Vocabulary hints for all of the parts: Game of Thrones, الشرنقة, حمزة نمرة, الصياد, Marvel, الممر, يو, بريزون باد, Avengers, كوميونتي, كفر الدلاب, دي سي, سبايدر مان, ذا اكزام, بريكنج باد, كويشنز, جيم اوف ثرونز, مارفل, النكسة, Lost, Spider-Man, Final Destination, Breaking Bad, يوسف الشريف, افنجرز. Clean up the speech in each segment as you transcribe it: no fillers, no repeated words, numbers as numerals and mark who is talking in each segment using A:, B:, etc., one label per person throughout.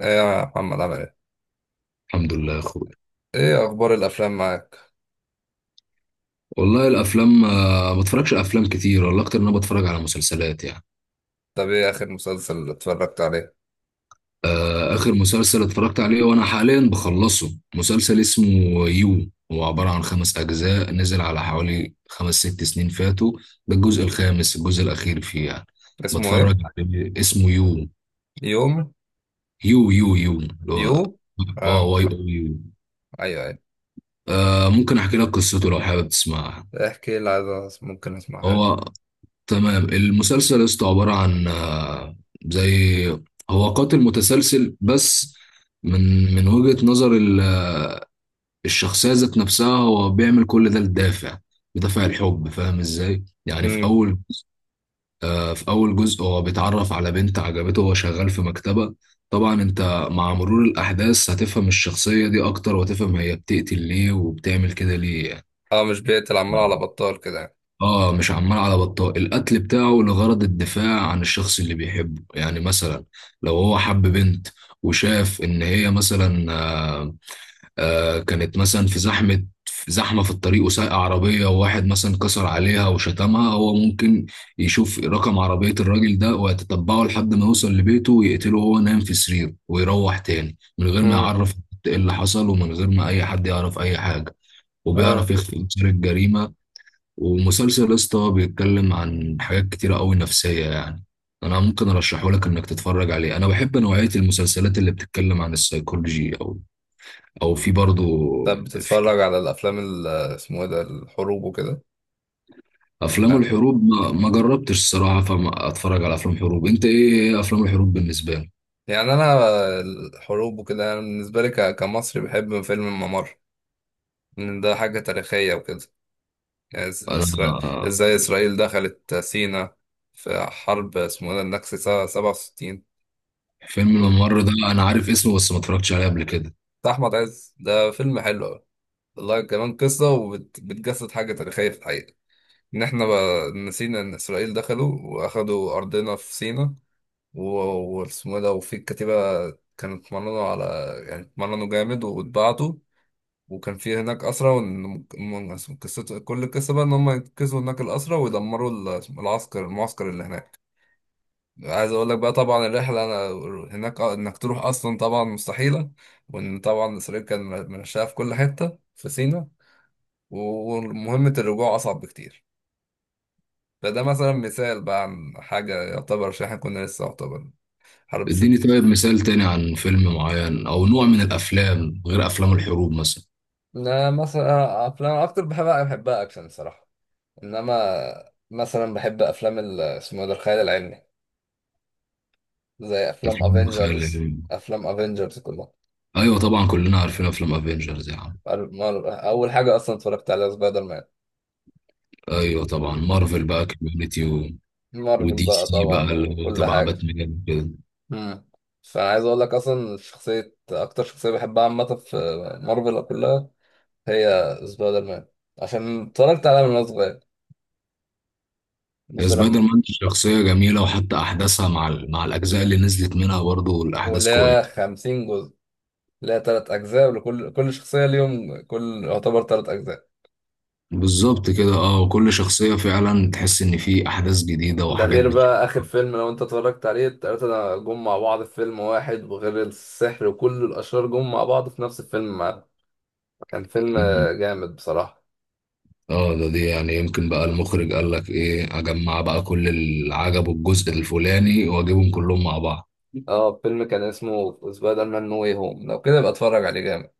A: ايه يا محمد عامل ايه؟
B: الحمد لله يا اخويا.
A: ايه اخبار الافلام معاك؟
B: والله الافلام ما بتفرجش على افلام كتير، والله اكتر ان انا بتفرج على مسلسلات يعني.
A: طب ايه اخر مسلسل اتفرجت عليه؟
B: اخر مسلسل اتفرجت عليه وانا حاليا بخلصه مسلسل اسمه يو، هو عبارة عن خمس اجزاء نزل على حوالي خمس ست سنين فاتوا، ده الجزء الخامس الجزء الاخير فيه يعني.
A: اسمه
B: بتفرج
A: ايه؟
B: عليه اسمه يو
A: يوم
B: يو يو يو اللي هو
A: يو؟
B: اه
A: اه،
B: واي او يو.
A: ايوه ايوه.
B: ممكن احكي لك قصته لو حابب تسمعها؟
A: احكي لي عايز ممكن اسمعها.
B: هو تمام. المسلسل يا اسطى عبارة عن زي، هو قاتل متسلسل بس من وجهة نظر الشخصية ذات نفسها، هو بيعمل كل ده لدافع، بدافع الحب، فاهم ازاي؟ يعني في
A: امم.
B: أول، في أول جزء هو بيتعرف على بنت عجبته وهو شغال في مكتبة. طبعا انت مع مرور الأحداث هتفهم الشخصية دي أكتر، وهتفهم هي بتقتل ليه وبتعمل كده ليه يعني.
A: اه مش بيقتل عمال على
B: آه.
A: بطال كده يعني.
B: اه مش عمال على بطال، القتل بتاعه لغرض الدفاع عن الشخص اللي بيحبه، يعني مثلا لو هو حب بنت وشاف ان هي مثلا آه كانت مثلا في زحمة، في الطريق وسايقة عربية، وواحد مثلا كسر عليها وشتمها، هو ممكن يشوف رقم عربية الراجل ده ويتتبعه لحد ما يوصل لبيته ويقتله وهو نايم في سريره، ويروح تاني من غير ما
A: امم.
B: يعرف ايه اللي حصل ومن غير ما اي حد يعرف اي حاجة، وبيعرف
A: اه،
B: يخفي اثار الجريمة. ومسلسل اسطى بيتكلم عن حاجات كتيرة قوي نفسية يعني. انا ممكن ارشحه لك انك تتفرج عليه، انا بحب نوعية المسلسلات اللي بتتكلم عن السيكولوجي او او في برضو.
A: طب
B: في
A: بتتفرج على الافلام اسمه ايه ده الحروب وكده؟
B: افلام
A: لا،
B: الحروب ما جربتش الصراحة، فما اتفرج على افلام حروب. انت ايه، افلام الحروب بالنسبة لك؟
A: يعني انا الحروب وكده انا بالنسبه لي كمصري بحب فيلم الممر، لان ده حاجه تاريخيه وكده. إز- إسرا-
B: انا
A: ازاي اسرائيل دخلت سينا في حرب اسمه إيه ده النكسة سنة 67،
B: فيلم
A: بتاع
B: الممر ده انا عارف اسمه بس ما اتفرجتش عليه قبل كده.
A: احمد عز، ده فيلم حلو أوي. والله كمان قصة وبتجسد حاجة تاريخية في الحقيقة، ان احنا بقى نسينا ان اسرائيل دخلوا واخدوا ارضنا في سينا. و- واسمه إيه ده وفي الكتيبة كانوا اتمرنوا على، يعني اتمرنوا جامد واتبعتوا، وكان في هناك أسرى. وإن قصته، كل القصة بقى إن هم ينقذوا هناك الأسرى ويدمروا العسكر المعسكر اللي هناك. عايز اقول لك بقى طبعا الرحله انا هناك، انك تروح اصلا طبعا مستحيله، وان طبعا اسرائيل كان منشاه في كل حته في سيناء، ومهمه الرجوع اصعب بكتير. فده مثلا مثال بقى عن حاجه يعتبر، عشان احنا كنا لسه يعتبر حرب ست.
B: اديني طيب مثال تاني عن فيلم معين او نوع من الافلام غير افلام الحروب مثلا.
A: انا مثلا افلام اكتر بحبها بحبها اكشن الصراحه، انما مثلا بحب افلام اسمه ده الخيال العلمي، زي افلام
B: افلام الخيال
A: افنجرز.
B: العلمي.
A: افلام افنجرز كلها.
B: ايوه طبعا كلنا عارفين افلام افنجرز يا عم.
A: اول حاجه اصلا اتفرجت عليها سبايدر
B: ايوه طبعا مارفل
A: مان.
B: بقى كوميونتي و...
A: مارفل
B: ودي
A: بقى
B: سي بقى
A: طبعا
B: اللي هو
A: وكل
B: تبع
A: حاجة.
B: باتمان كده.
A: مم. فأنا عايز أقول لك أصلا شخصية أكتر شخصية بحبها عامة في مارفل كلها هي سبايدر مان، عشان اتفرجت عليها من وأنا صغير. بس
B: سبايدر
A: لما
B: مان شخصيه جميله، وحتى احداثها مع ال... مع الاجزاء اللي نزلت منها برضه الاحداث
A: واللي هي
B: كويسه.
A: 50 جزء، اللي هي تلات أجزاء، ولكل كل شخصية ليهم، كل يعتبر تلات أجزاء.
B: بالظبط كده اه، وكل شخصيه فعلا تحس ان في احداث جديده
A: ده
B: وحاجات
A: غير بقى آخر
B: بتشوفها.
A: فيلم لو أنت اتفرجت عليه، التلاتة ده جم مع بعض في فيلم واحد، وغير السحر وكل الأشرار جم مع بعض في نفس الفيلم معاه. كان فيلم
B: مم.
A: جامد بصراحة.
B: اه ده دي يعني يمكن بقى المخرج قال لك ايه، اجمع بقى كل اللي عجبه الجزء الفلاني واجيبهم كلهم مع بعض.
A: اه فيلم كان اسمه سبايدر مان نو واي هوم، لو كده يبقى اتفرج عليه جامد،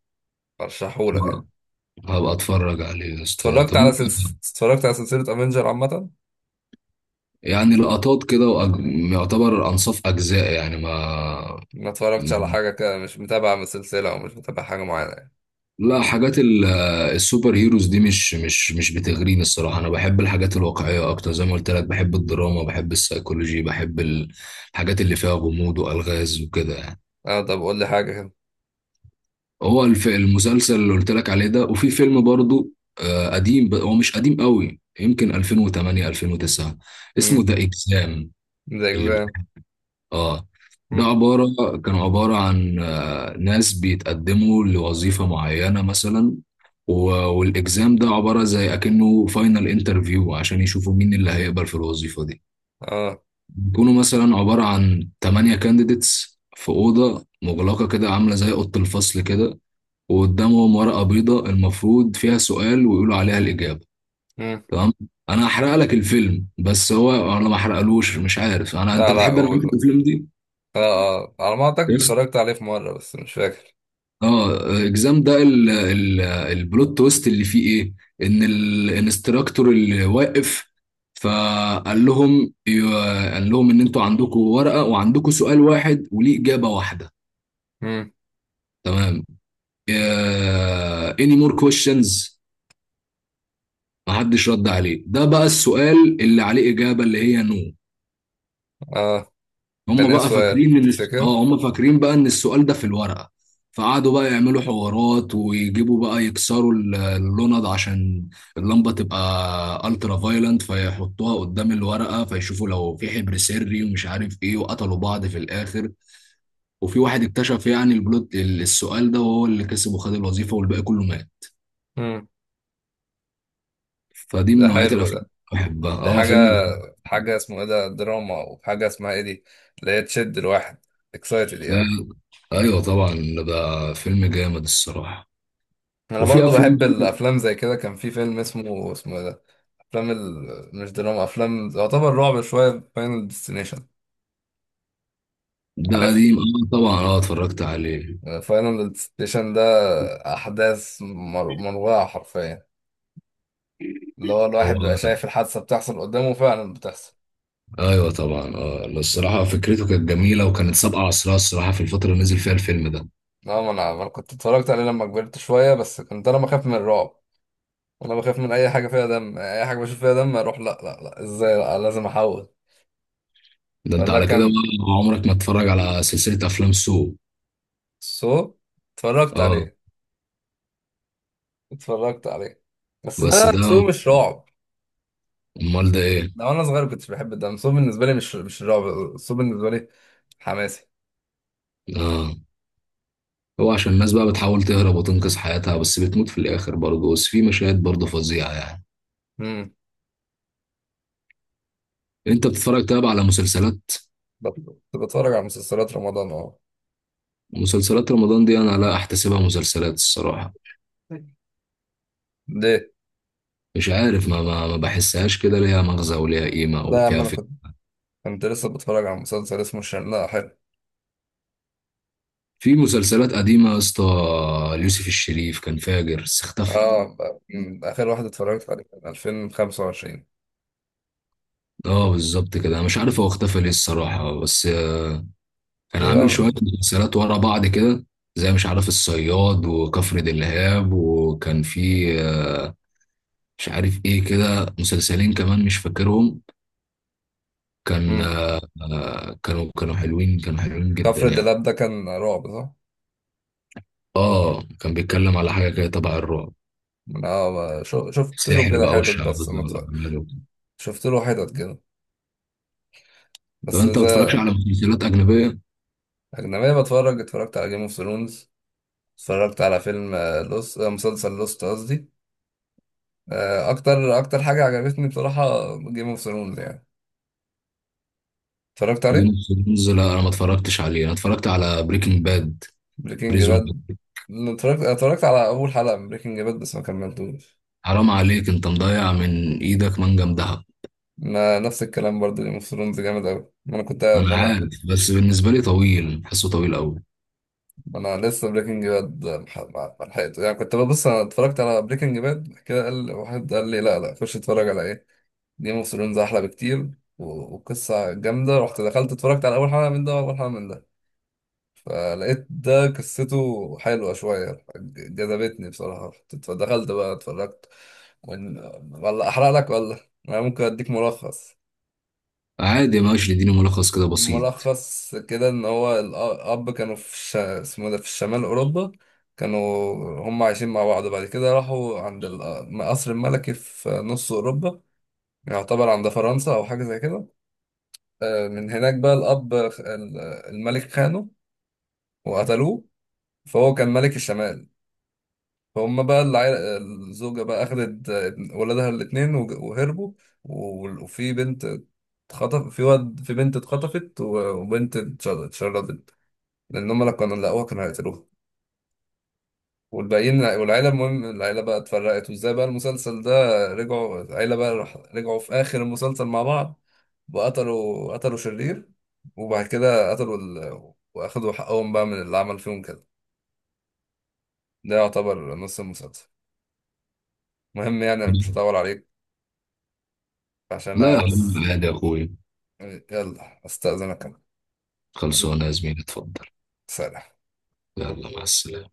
A: ارشحهولك
B: آه،
A: يعني.
B: هبقى اتفرج عليه يا اسطى.
A: اتفرجت
B: طب
A: على
B: انت؟
A: اتفرجت على سلسلة افنجر عامة.
B: يعني لقطات كده وأج... يعتبر أنصاف أجزاء يعني، ما
A: ما اتفرجتش على حاجة كده، مش متابع من السلسلة او مش متابع حاجة معينة يعني.
B: لا، حاجات السوبر هيروز دي مش بتغريني الصراحة، أنا بحب الحاجات الواقعية أكتر زي ما قلت لك، بحب الدراما بحب السيكولوجي بحب الحاجات اللي فيها غموض وألغاز وكده يعني.
A: اه طب قول لي حاجة كده.
B: هو المسلسل اللي قلت لك عليه ده، وفي فيلم برضو قديم، هو مش قديم قوي، يمكن 2008 2009، اسمه
A: امم.
B: ذا اكزام.
A: ذا
B: اللي
A: اكزام.
B: اه ده
A: امم.
B: عبارة، كانوا عبارة عن ناس بيتقدموا لوظيفة معينة مثلا، و- والإكزام ده عبارة زي أكنه فاينل انترفيو عشان يشوفوا مين اللي هيقبل في الوظيفة دي.
A: اه.
B: بيكونوا مثلا عبارة عن تمانية كانديديتس في أوضة مغلقة كده عاملة زي أوضة الفصل كده، وقدامهم ورقة بيضاء المفروض فيها سؤال ويقولوا عليها الإجابة.
A: امم.
B: تمام. أنا هحرق لك الفيلم بس هو أنا ما حرقلوش، مش عارف أنا، أنت
A: لا لا،
B: بتحب أنا
A: قول.
B: الأفلام دي.
A: اه. اه على ما اعتقد اتفرجت عليه في مرة بس مش فاكر.
B: اه اكزام ده ال البلوت تويست اللي فيه ايه، ان الانستراكتور اللي واقف فقال لهم، قال لهم ان انتوا عندكم ورقه وعندكم سؤال واحد وليه اجابه واحده.
A: امم.
B: تمام. اني مور كويشنز. محدش رد عليه، ده بقى السؤال اللي عليه اجابه اللي هي نو.
A: اه كان
B: هم
A: ايه
B: بقى
A: السؤال
B: فاكرين ان
A: تفتكر.
B: هم فاكرين بقى ان السؤال ده في الورقة، فقعدوا بقى يعملوا حوارات ويجيبوا بقى يكسروا اللوند عشان اللمبة تبقى الترا فايلنت فيحطوها قدام الورقة فيشوفوا لو في حبر سري ومش عارف ايه، وقتلوا بعض في الاخر. وفي واحد اكتشف يعني البلوت السؤال ده وهو اللي كسب وخد الوظيفة والباقي كله مات.
A: امم.
B: فدي من
A: ده
B: نوعية
A: حلو
B: الافلام
A: ده.
B: اللي بحبها،
A: دي
B: اه فيلم
A: حاجة،
B: جامد.
A: حاجة اسمه ايه ده دراما، وحاجة اسمها ايه دي اللي هي تشد الواحد، اكسايتد
B: ده
A: يعني.
B: ايوه طبعا، ده فيلم جامد الصراحة.
A: انا
B: وفي
A: برضو
B: افلام،
A: بحب الافلام زي كده. كان في فيلم اسمه اسمه ايه ده، افلام مش دراما، افلام يعتبر رعب شوية، فاينل ديستنيشن.
B: ده
A: عارفها؟
B: قديم اه، طبعا اه اتفرجت عليه
A: فاينل ديستنيشن ده احداث مروعة حرفيا، اللي هو الواحد بيبقى
B: طبعا.
A: شايف الحادثة بتحصل قدامه فعلا بتحصل.
B: ايوه طبعا اه، لا، الصراحه فكرته كانت جميله وكانت سابقه عصرها الصراحه في الفتره اللي نزل فيها الفيلم ده.
A: اه ما أنا كنت اتفرجت عليه لما كبرت شوية، بس كنت انا بخاف من الرعب. انا بخاف من اي حاجة فيها دم، اي حاجة بشوف فيها دم اروح لا لا لا، ازاي، لا لازم احول.
B: ده انت
A: فده
B: على كده
A: كان
B: بقى عمرك ما تتفرج على سلسله افلام سو.
A: سو. اتفرجت
B: اه
A: عليه، اتفرجت عليه، بس
B: بس
A: ده سو
B: ده،
A: مش رعب.
B: امال ده ايه؟
A: ده وانا صغير كنتش بحب، ده سو بالنسبه لي مش مش رعب، سو بالنسبه لي حماسي.
B: اه، هو عشان الناس بقى بتحاول تهرب وتنقذ حياتها بس بتموت في الاخر برضه، بس في مشاهد برضه فظيعه يعني.
A: امم.
B: انت بتتفرج طيب على مسلسلات؟
A: بت- كنت بتفرج على مسلسلات رمضان اه.
B: مسلسلات رمضان دي انا لا احتسبها مسلسلات الصراحه.
A: ليه؟
B: مش عارف، ما بحسهاش كده ليها مغزى وليها قيمة
A: لا يا عم
B: وفيها.
A: انا كنت، كنت لسه بتفرج على مسلسل اسمه الشرنقة حلو.
B: في مسلسلات قديمة يا اسطى، يوسف الشريف كان فاجر بس اختفى.
A: اه، أمم، اخر واحد اتفرجت عليه كان 2025.
B: اه بالظبط كده، انا مش عارف هو اختفى ليه الصراحة، بس كان
A: ليه
B: عامل شوية
A: بقى؟
B: مسلسلات ورا بعض كده، زي مش عارف الصياد وكفر دلهاب، وكان في مش عارف ايه كده، مسلسلين كمان مش فاكرهم، كان
A: امم.
B: كانوا حلوين، كانوا حلوين جدا
A: كفر
B: يعني.
A: الدلاب ده كان رعب صح؟
B: اه كان بيتكلم على حاجة كده تبع الرعب،
A: اه، شفت له
B: سحر
A: كده
B: بقى
A: حتت بس
B: والشعوذة
A: ما اتفرج-
B: والأعمال وكده.
A: شفت له حتت كده،
B: طب
A: بس
B: انت ما بتتفرجش
A: إذا.
B: على مسلسلات أجنبية؟
A: أجنبية بتفرج، اتفرجت على جيم اوف ثرونز، اتفرجت على فيلم لوست، مسلسل لوست قصدي. أكتر أكتر حاجة عجبتني بصراحة جيم اوف ثرونز يعني، اتفرجت
B: جيم
A: عليه.
B: اوف ثرونز لا انا ما اتفرجتش عليه، انا اتفرجت على بريكنج باد،
A: بريكنج
B: بريزون
A: باد؟
B: باد.
A: اتفرجت اتفرجت على أول حلقة من بريكنج باد بس ما كملتوش.
B: حرام عليك، انت مضيع من ايدك منجم دهب.
A: ما نفس الكلام برضه، جيم اوف ثرونز جامد أوي. ما أنا كنت ما
B: انا
A: أنا
B: عارف، بس بالنسبه لي طويل، حاسه طويل قوي.
A: ما أنا لسه بريكنج باد، ما لحقته يعني. كنت ببص، أنا اتفرجت على بريكنج باد كده، قال واحد قال لي لا لا، خش اتفرج على إيه، جيم اوف ثرونز احلى بكتير، وقصه جامده. رحت دخلت اتفرجت على اول حلقه من ده واول حلقه من ده، فلقيت ده قصته حلوه شويه، جذبتني بصراحه. دخلت بقى اتفرجت. ولا احرق لك ولا انا ممكن اديك ملخص.
B: عادي ماشي، اديني ملخص كده بسيط.
A: ملخص كده ان هو الاب كانوا في اسمه ده في الشمال اوروبا، كانوا هم عايشين مع بعض. بعد كده راحوا عند القصر الملكي في نص اوروبا، يعتبر عند فرنسا او حاجه زي كده. من هناك بقى الأب الملك خانه وقتلوه، فهو كان ملك الشمال. فهم بقى العيلة، الزوجة بقى أخدت ولادها الاتنين وهربوا. وفي بنت اتخطف في واد، في بنت اتخطفت، وبنت اتشردت لأن هم لو كانوا لقوها كانوا هيقتلوها. والباقيين والعيلة، المهم العيلة بقى اتفرقت. وازاي بقى المسلسل ده، رجعوا العيلة بقى رجعوا في آخر المسلسل مع بعض، وقتلوا قتلوا شرير، وبعد كده قتلوا وأخدوا حقهم بقى من اللي عمل فيهم كده. ده يعتبر نص المسلسل، المهم يعني مش هطول عليك عشان
B: لا
A: أنا
B: يا
A: بس.
B: حبيبي عادي يا اخوي.
A: يلا أستأذنك أنا،
B: خلصونا يا زميلي، اتفضل.
A: سلام.
B: يلا مع السلامه.